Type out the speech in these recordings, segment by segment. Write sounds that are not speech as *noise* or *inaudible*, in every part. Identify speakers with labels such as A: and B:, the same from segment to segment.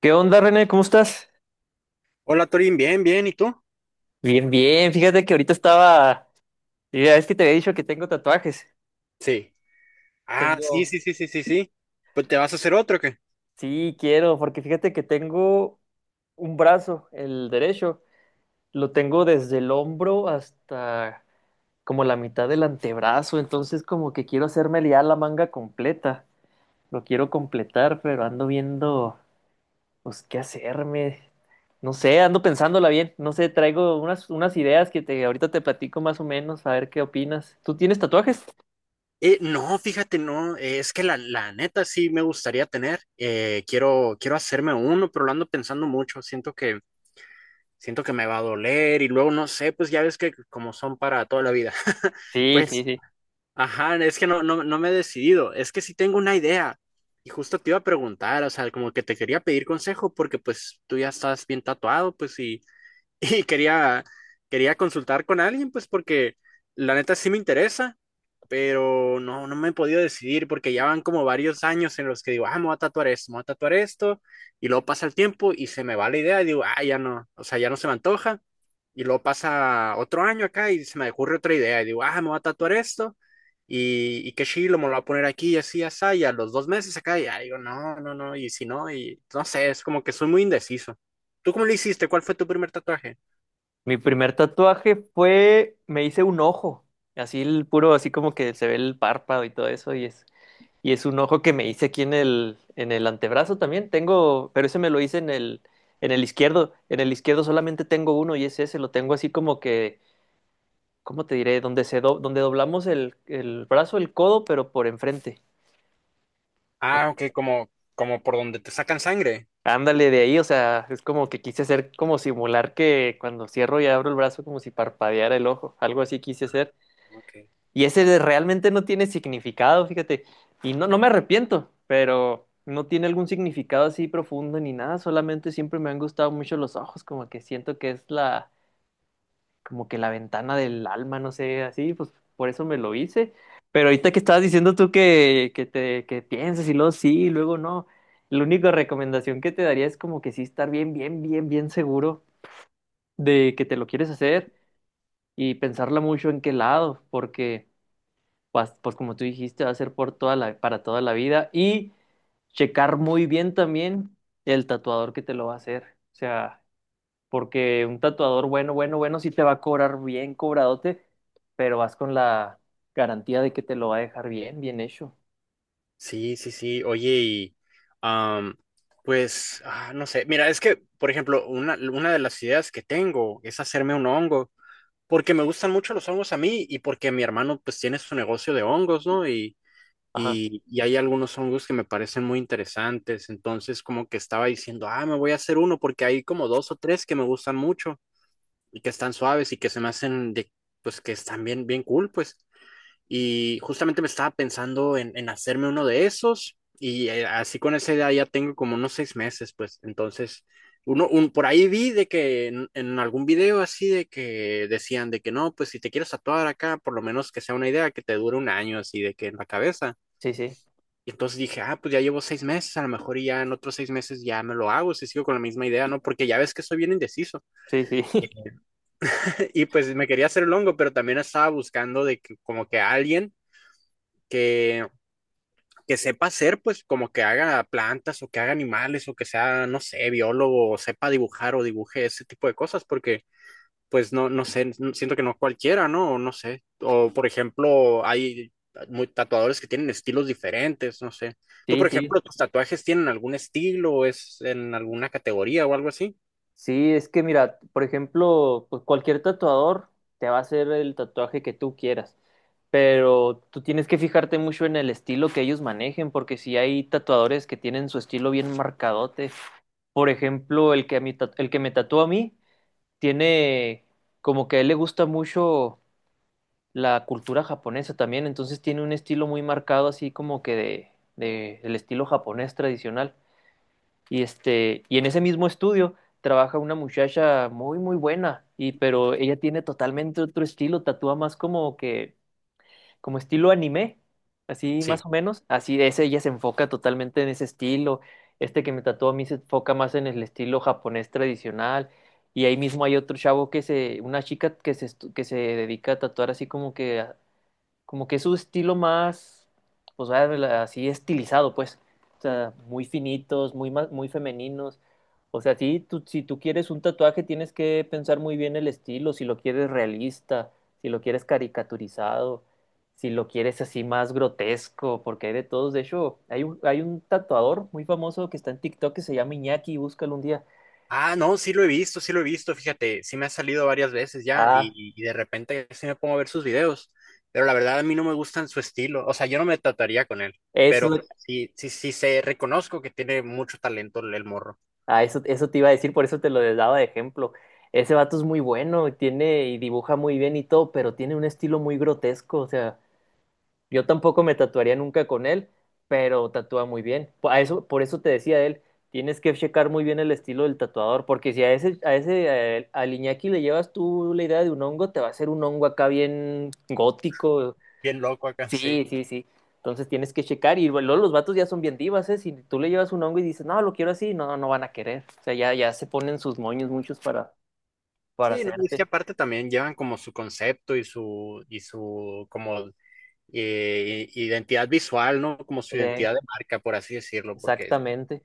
A: ¿Qué onda, René? ¿Cómo estás?
B: Hola Torín, bien, bien, ¿y tú?
A: Bien, bien. Fíjate que ahorita estaba. Ya es que te había dicho que tengo tatuajes.
B: Sí. Ah, sí,
A: Tengo.
B: sí, sí, sí, sí, sí. Pues te vas a hacer otro, ¿o qué?
A: Sí, quiero, porque fíjate que tengo un brazo, el derecho. Lo tengo desde el hombro hasta como la mitad del antebrazo. Entonces, como que quiero hacerme ya la manga completa. Lo quiero completar, pero ando viendo, pues, qué hacerme. No sé, ando pensándola bien. No sé, traigo unas ideas que te, ahorita te platico más o menos, a ver qué opinas. ¿Tú tienes tatuajes?
B: No, fíjate, no, es que la neta sí me gustaría tener. Quiero hacerme uno, pero lo ando pensando mucho. Siento que me va a doler y luego no sé, pues ya ves que como son para toda la vida. *laughs*
A: Sí, sí,
B: Pues,
A: sí.
B: ajá, es que no, no, no me he decidido. Es que sí tengo una idea. Y justo te iba a preguntar, o sea, como que te quería pedir consejo porque pues tú ya estás bien tatuado, pues y quería, quería consultar con alguien, pues porque la neta sí me interesa, pero no, no me he podido decidir porque ya van como varios años en los que digo, ah, me voy a tatuar esto, me voy a tatuar esto, y luego pasa el tiempo y se me va la idea y digo, ah, ya no, o sea, ya no se me antoja, y luego pasa otro año acá y se me ocurre otra idea y digo, ah, me voy a tatuar esto. Y qué chilo, me lo voy a poner aquí y así, y así, y a los 2 meses acá, y ya digo, no, no, no, y si no, y no sé, es como que soy muy indeciso. ¿Tú cómo le hiciste? ¿Cuál fue tu primer tatuaje?
A: Mi primer tatuaje fue, me hice un ojo, así el puro, así como que se ve el párpado y todo eso, y es un ojo que me hice aquí en el antebrazo también. Tengo, pero ese me lo hice en el izquierdo. En el izquierdo solamente tengo uno y es ese, lo tengo así como que, ¿cómo te diré? Donde donde doblamos el brazo, el codo, pero por enfrente. O
B: Ah,
A: sea,
B: ok, como por donde te sacan sangre.
A: ándale de ahí, o sea, es como que quise hacer como simular que cuando cierro y abro el brazo como si parpadeara el ojo, algo así quise hacer.
B: Ok.
A: Y realmente no tiene significado, fíjate. Y no, no me arrepiento, pero no tiene algún significado así profundo ni nada. Solamente siempre me han gustado mucho los ojos, como que siento que es la, como que la ventana del alma, no sé, así, pues por eso me lo hice. Pero ahorita que estabas diciendo tú que que pienses y luego sí, y luego no. La única recomendación que te daría es como que sí estar bien seguro de que te lo quieres hacer y pensarla mucho en qué lado, porque pues como tú dijiste, va a ser por toda la, para toda la vida y checar muy bien también el tatuador que te lo va a hacer. O sea, porque un tatuador bueno, sí te va a cobrar bien cobradote, pero vas con la garantía de que te lo va a dejar bien, bien hecho.
B: Sí, sí, sí. Oye, y am, pues, no sé. Mira, es que, por ejemplo, una de las ideas que tengo es hacerme un hongo, porque me gustan mucho los hongos a mí y porque mi hermano, pues, tiene su negocio de hongos, ¿no? Y,
A: Ajá.
B: y, y hay algunos hongos que me parecen muy interesantes. Entonces, como que estaba diciendo, ah, me voy a hacer uno porque hay como dos o tres que me gustan mucho y que están suaves y que se me hacen de, pues, que están bien, bien cool, pues. Y justamente me estaba pensando en hacerme uno de esos y así con esa idea ya tengo como unos 6 meses, pues entonces, por ahí vi de que en algún video así de que decían de que no, pues si te quieres tatuar acá, por lo menos que sea una idea que te dure un año así de que en la cabeza.
A: Sí, sí,
B: Y entonces dije, ah, pues ya llevo 6 meses, a lo mejor y ya en otros 6 meses ya me lo hago, si sigo con la misma idea, ¿no? Porque ya ves que soy bien indeciso.
A: sí, sí, *laughs*
B: *laughs* Y pues me quería hacer el hongo, pero también estaba buscando de que como que alguien que que sepa hacer, pues como que haga plantas o que haga animales o que sea, no sé, biólogo o sepa dibujar o dibuje ese tipo de cosas, porque pues no, no sé, siento que no cualquiera, ¿no? No sé. O por ejemplo, hay muy tatuadores que tienen estilos diferentes, no sé. ¿Tú,
A: sí,
B: por
A: sí.
B: ejemplo, tus tatuajes tienen algún estilo o es en alguna categoría o algo así?
A: Sí, es que mira, por ejemplo, pues cualquier tatuador te va a hacer el tatuaje que tú quieras, pero tú tienes que fijarte mucho en el estilo que ellos manejen, porque si hay tatuadores que tienen su estilo bien marcadote, por ejemplo, el que me tatúa a mí tiene como que a él le gusta mucho la cultura japonesa también, entonces tiene un estilo muy marcado así como que de el estilo japonés tradicional. Y, este, y en ese mismo estudio trabaja una muchacha muy buena, y, pero ella tiene totalmente otro estilo, tatúa más como que, como estilo anime, así más
B: Sí.
A: o menos. Así es, ella se enfoca totalmente en ese estilo. Este que me tatúa a mí se enfoca más en el estilo japonés tradicional. Y ahí mismo hay otro chavo que se, una chica que se, que se dedica a tatuar así como que es su estilo más, pues vaya, así estilizado, pues. O sea, muy finitos, muy femeninos. O sea, sí, tú- si tú quieres un tatuaje, tienes que pensar muy bien el estilo, si lo quieres realista, si lo quieres caricaturizado, si lo quieres así más grotesco, porque hay de todos. De hecho, hay un tatuador muy famoso que está en TikTok que se llama Iñaki, búscalo un día.
B: Ah, no, sí lo he visto, sí lo he visto, fíjate, sí me ha salido varias veces ya
A: Ah,
B: y de repente sí me pongo a ver sus videos, pero la verdad a mí no me gustan su estilo, o sea, yo no me trataría con él,
A: eso es
B: pero
A: lo.
B: sí, sí, sí, sé, reconozco que tiene mucho talento el morro,
A: Ah, eso te iba a decir, por eso te lo daba de ejemplo. Ese vato es muy bueno, tiene y dibuja muy bien y todo, pero tiene un estilo muy grotesco. O sea, yo tampoco me tatuaría nunca con él, pero tatúa muy bien. Por eso te decía él, tienes que checar muy bien el estilo del tatuador, porque si a él- al Iñaki le llevas tú la idea de un hongo, te va a hacer un hongo acá bien gótico.
B: bien loco acá, sí.
A: Sí, sí, sí. Entonces tienes que checar y luego los vatos ya son bien divas, ¿eh? Si tú le llevas un hongo y dices, no, lo quiero así, no, no van a querer. O sea, ya, ya se ponen sus moños muchos para
B: Sí, no, es que
A: hacerte.
B: aparte también llevan como su concepto y su como identidad visual, ¿no? Como su
A: Eh,
B: identidad de marca, por así decirlo, porque.
A: exactamente.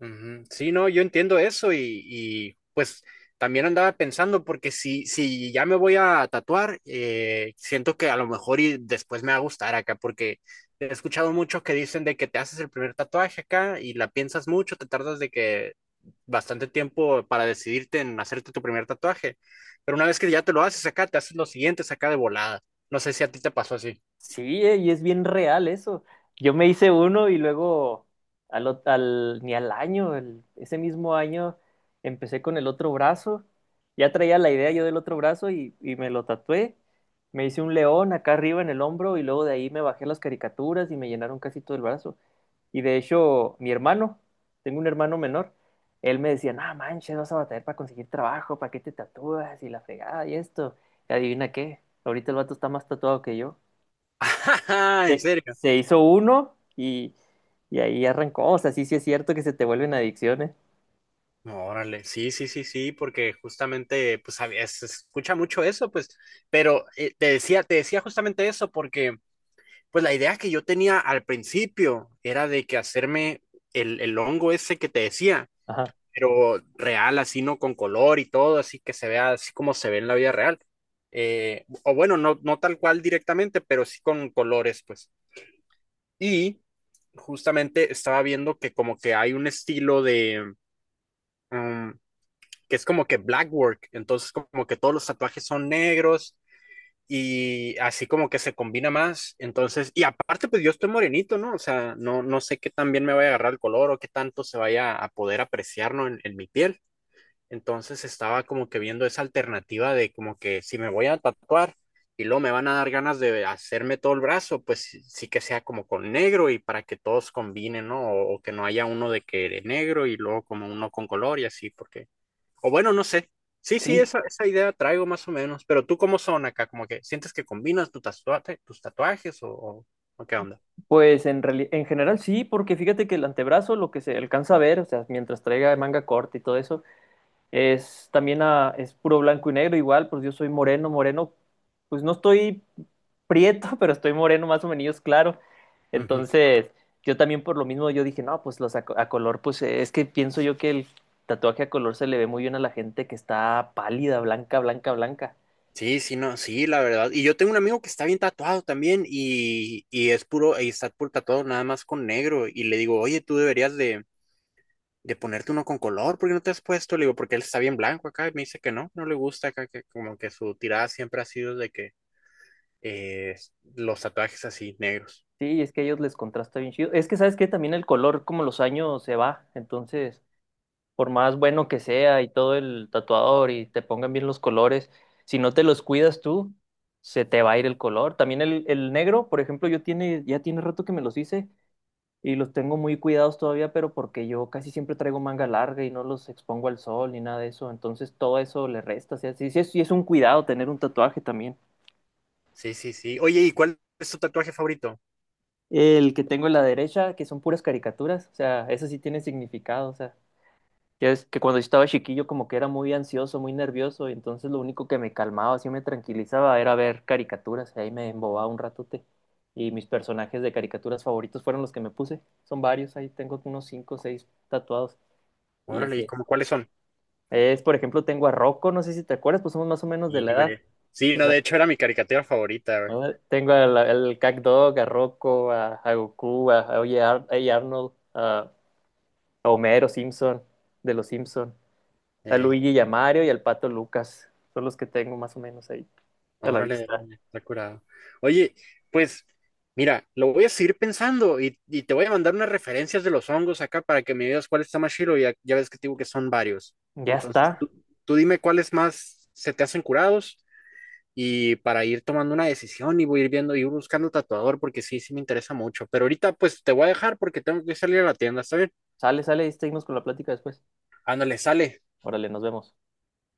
B: Ujú. Sí, no, yo entiendo eso pues también andaba pensando porque si ya me voy a tatuar, siento que a lo mejor y después me va a gustar acá porque he escuchado muchos que dicen de que te haces el primer tatuaje acá y la piensas mucho, te tardas de que bastante tiempo para decidirte en hacerte tu primer tatuaje, pero una vez que ya te lo haces acá, te haces los siguientes acá de volada. No sé si a ti te pasó así.
A: Sí, y es bien real eso. Yo me hice uno y luego ni al año, ese mismo año empecé con el otro brazo. Ya traía la idea yo del otro brazo y me lo tatué. Me hice un león acá arriba en el hombro y luego de ahí me bajé las caricaturas y me llenaron casi todo el brazo. Y de hecho, mi hermano, tengo un hermano menor, él me decía, no manches, vas a batallar para conseguir trabajo, para qué te tatúas y la fregada y esto. Y adivina qué, ahorita el vato está más tatuado que yo.
B: *laughs* Ajá, ¿en serio?
A: Se hizo uno y ahí arrancó. O sea, sí, sí es cierto que se te vuelven adicciones.
B: No, órale, sí, sí, sí, sí, porque justamente, pues, a veces se escucha mucho eso, pues, pero te decía justamente eso, porque, pues, la idea que yo tenía al principio era de que hacerme el hongo ese que te decía,
A: Ajá.
B: pero real, así, ¿no? Con color y todo, así que se vea así como se ve en la vida real. O bueno, no, no tal cual directamente, pero sí con colores, pues. Y justamente estaba viendo que como que hay un estilo de... mm, que es como que black work, entonces como que todos los tatuajes son negros y así como que se combina más, entonces, y aparte pues yo estoy morenito, ¿no? O sea, no, no sé qué tan bien me vaya a agarrar el color o qué tanto se vaya a poder apreciar, ¿no? En mi piel. Entonces estaba como que viendo esa alternativa de como que si me voy a tatuar y luego me van a dar ganas de hacerme todo el brazo, pues sí que sea como con negro y para que todos combinen, ¿no? O que no haya uno de que de negro y luego como uno con color y así, porque o bueno, no sé. Sí, sí,
A: Sí,
B: esa idea traigo más o menos. Pero tú, ¿cómo son acá? ¿Como que sientes que combinas tu tatuaje, tus tatuajes o qué onda?
A: pues en, en general sí, porque fíjate que el antebrazo, lo que se alcanza a ver, o sea, mientras traiga manga corta y todo eso, es también es puro blanco y negro igual, pues yo soy moreno, moreno, pues no estoy prieto, *laughs* pero estoy moreno más o menos claro.
B: Ujú.
A: Entonces, yo también por lo mismo yo dije, no, pues a color, pues es que pienso yo que el tatuaje a color se le ve muy bien a la gente que está pálida, blanca, blanca, blanca.
B: Sí, sí, no, sí, la verdad. Y yo tengo un amigo que está bien tatuado también y es puro, y está puro tatuado nada más con negro. Y le digo, oye, tú deberías de ponerte uno con color, ¿por qué no te has puesto? Le digo, porque él está bien blanco acá. Y me dice que no, no le gusta acá, que como que su tirada siempre ha sido de que eh, los tatuajes así negros.
A: Sí, es que a ellos les contrasta bien chido. Es que sabes que también el color, como los años se va, entonces por más bueno que sea y todo el tatuador y te pongan bien los colores, si no te los cuidas tú, se te va a ir el color. También el negro, por ejemplo, ya tiene rato que me los hice y los tengo muy cuidados todavía, pero porque yo casi siempre traigo manga larga y no los expongo al sol ni nada de eso, entonces todo eso le resta. O sea, sí es un cuidado tener un tatuaje también.
B: Sí, sí, sí. Oye, ¿y cuál es tu tatuaje favorito?
A: El que tengo en la derecha, que son puras caricaturas, o sea, eso sí tiene significado, o sea. Ya es que cuando estaba chiquillo como que era muy ansioso, muy nervioso, y entonces lo único que me calmaba, así me tranquilizaba, era ver caricaturas, y ahí me embobaba un ratote. Y mis personajes de caricaturas favoritos fueron los que me puse. Son varios, ahí tengo unos cinco o seis tatuados. Y
B: Órale,
A: ese
B: ¿y
A: es.
B: cómo cuáles son?
A: Es, por ejemplo, tengo a Rocco, no sé si te acuerdas, pues somos más o menos de la
B: Y,
A: edad.
B: güey, sí,
A: De
B: no,
A: la-,
B: de hecho era mi caricatura favorita, güey.
A: ¿no? Tengo al CatDog, a Rocco, a Goku, a Oye a Arnold, a Homero Simpson, de los Simpson. A
B: Ey,
A: Luigi y a Mario y al Pato Lucas. Son los que tengo más o menos ahí a la
B: órale,
A: vista.
B: órale, está curado. Oye, pues, mira, lo voy a seguir pensando y te voy a mandar unas referencias de los hongos acá para que me digas cuál está más chido. Ya ves que te digo que son varios.
A: Ya
B: Entonces,
A: está.
B: tú dime cuáles más se te hacen curados y para ir tomando una decisión y voy a ir viendo, y ir buscando tatuador porque sí, sí me interesa mucho. Pero ahorita, pues, te voy a dejar porque tengo que salir a la tienda, ¿está bien?
A: Sale, sale y seguimos con la plática después.
B: Ándale, sale.
A: Órale, nos vemos.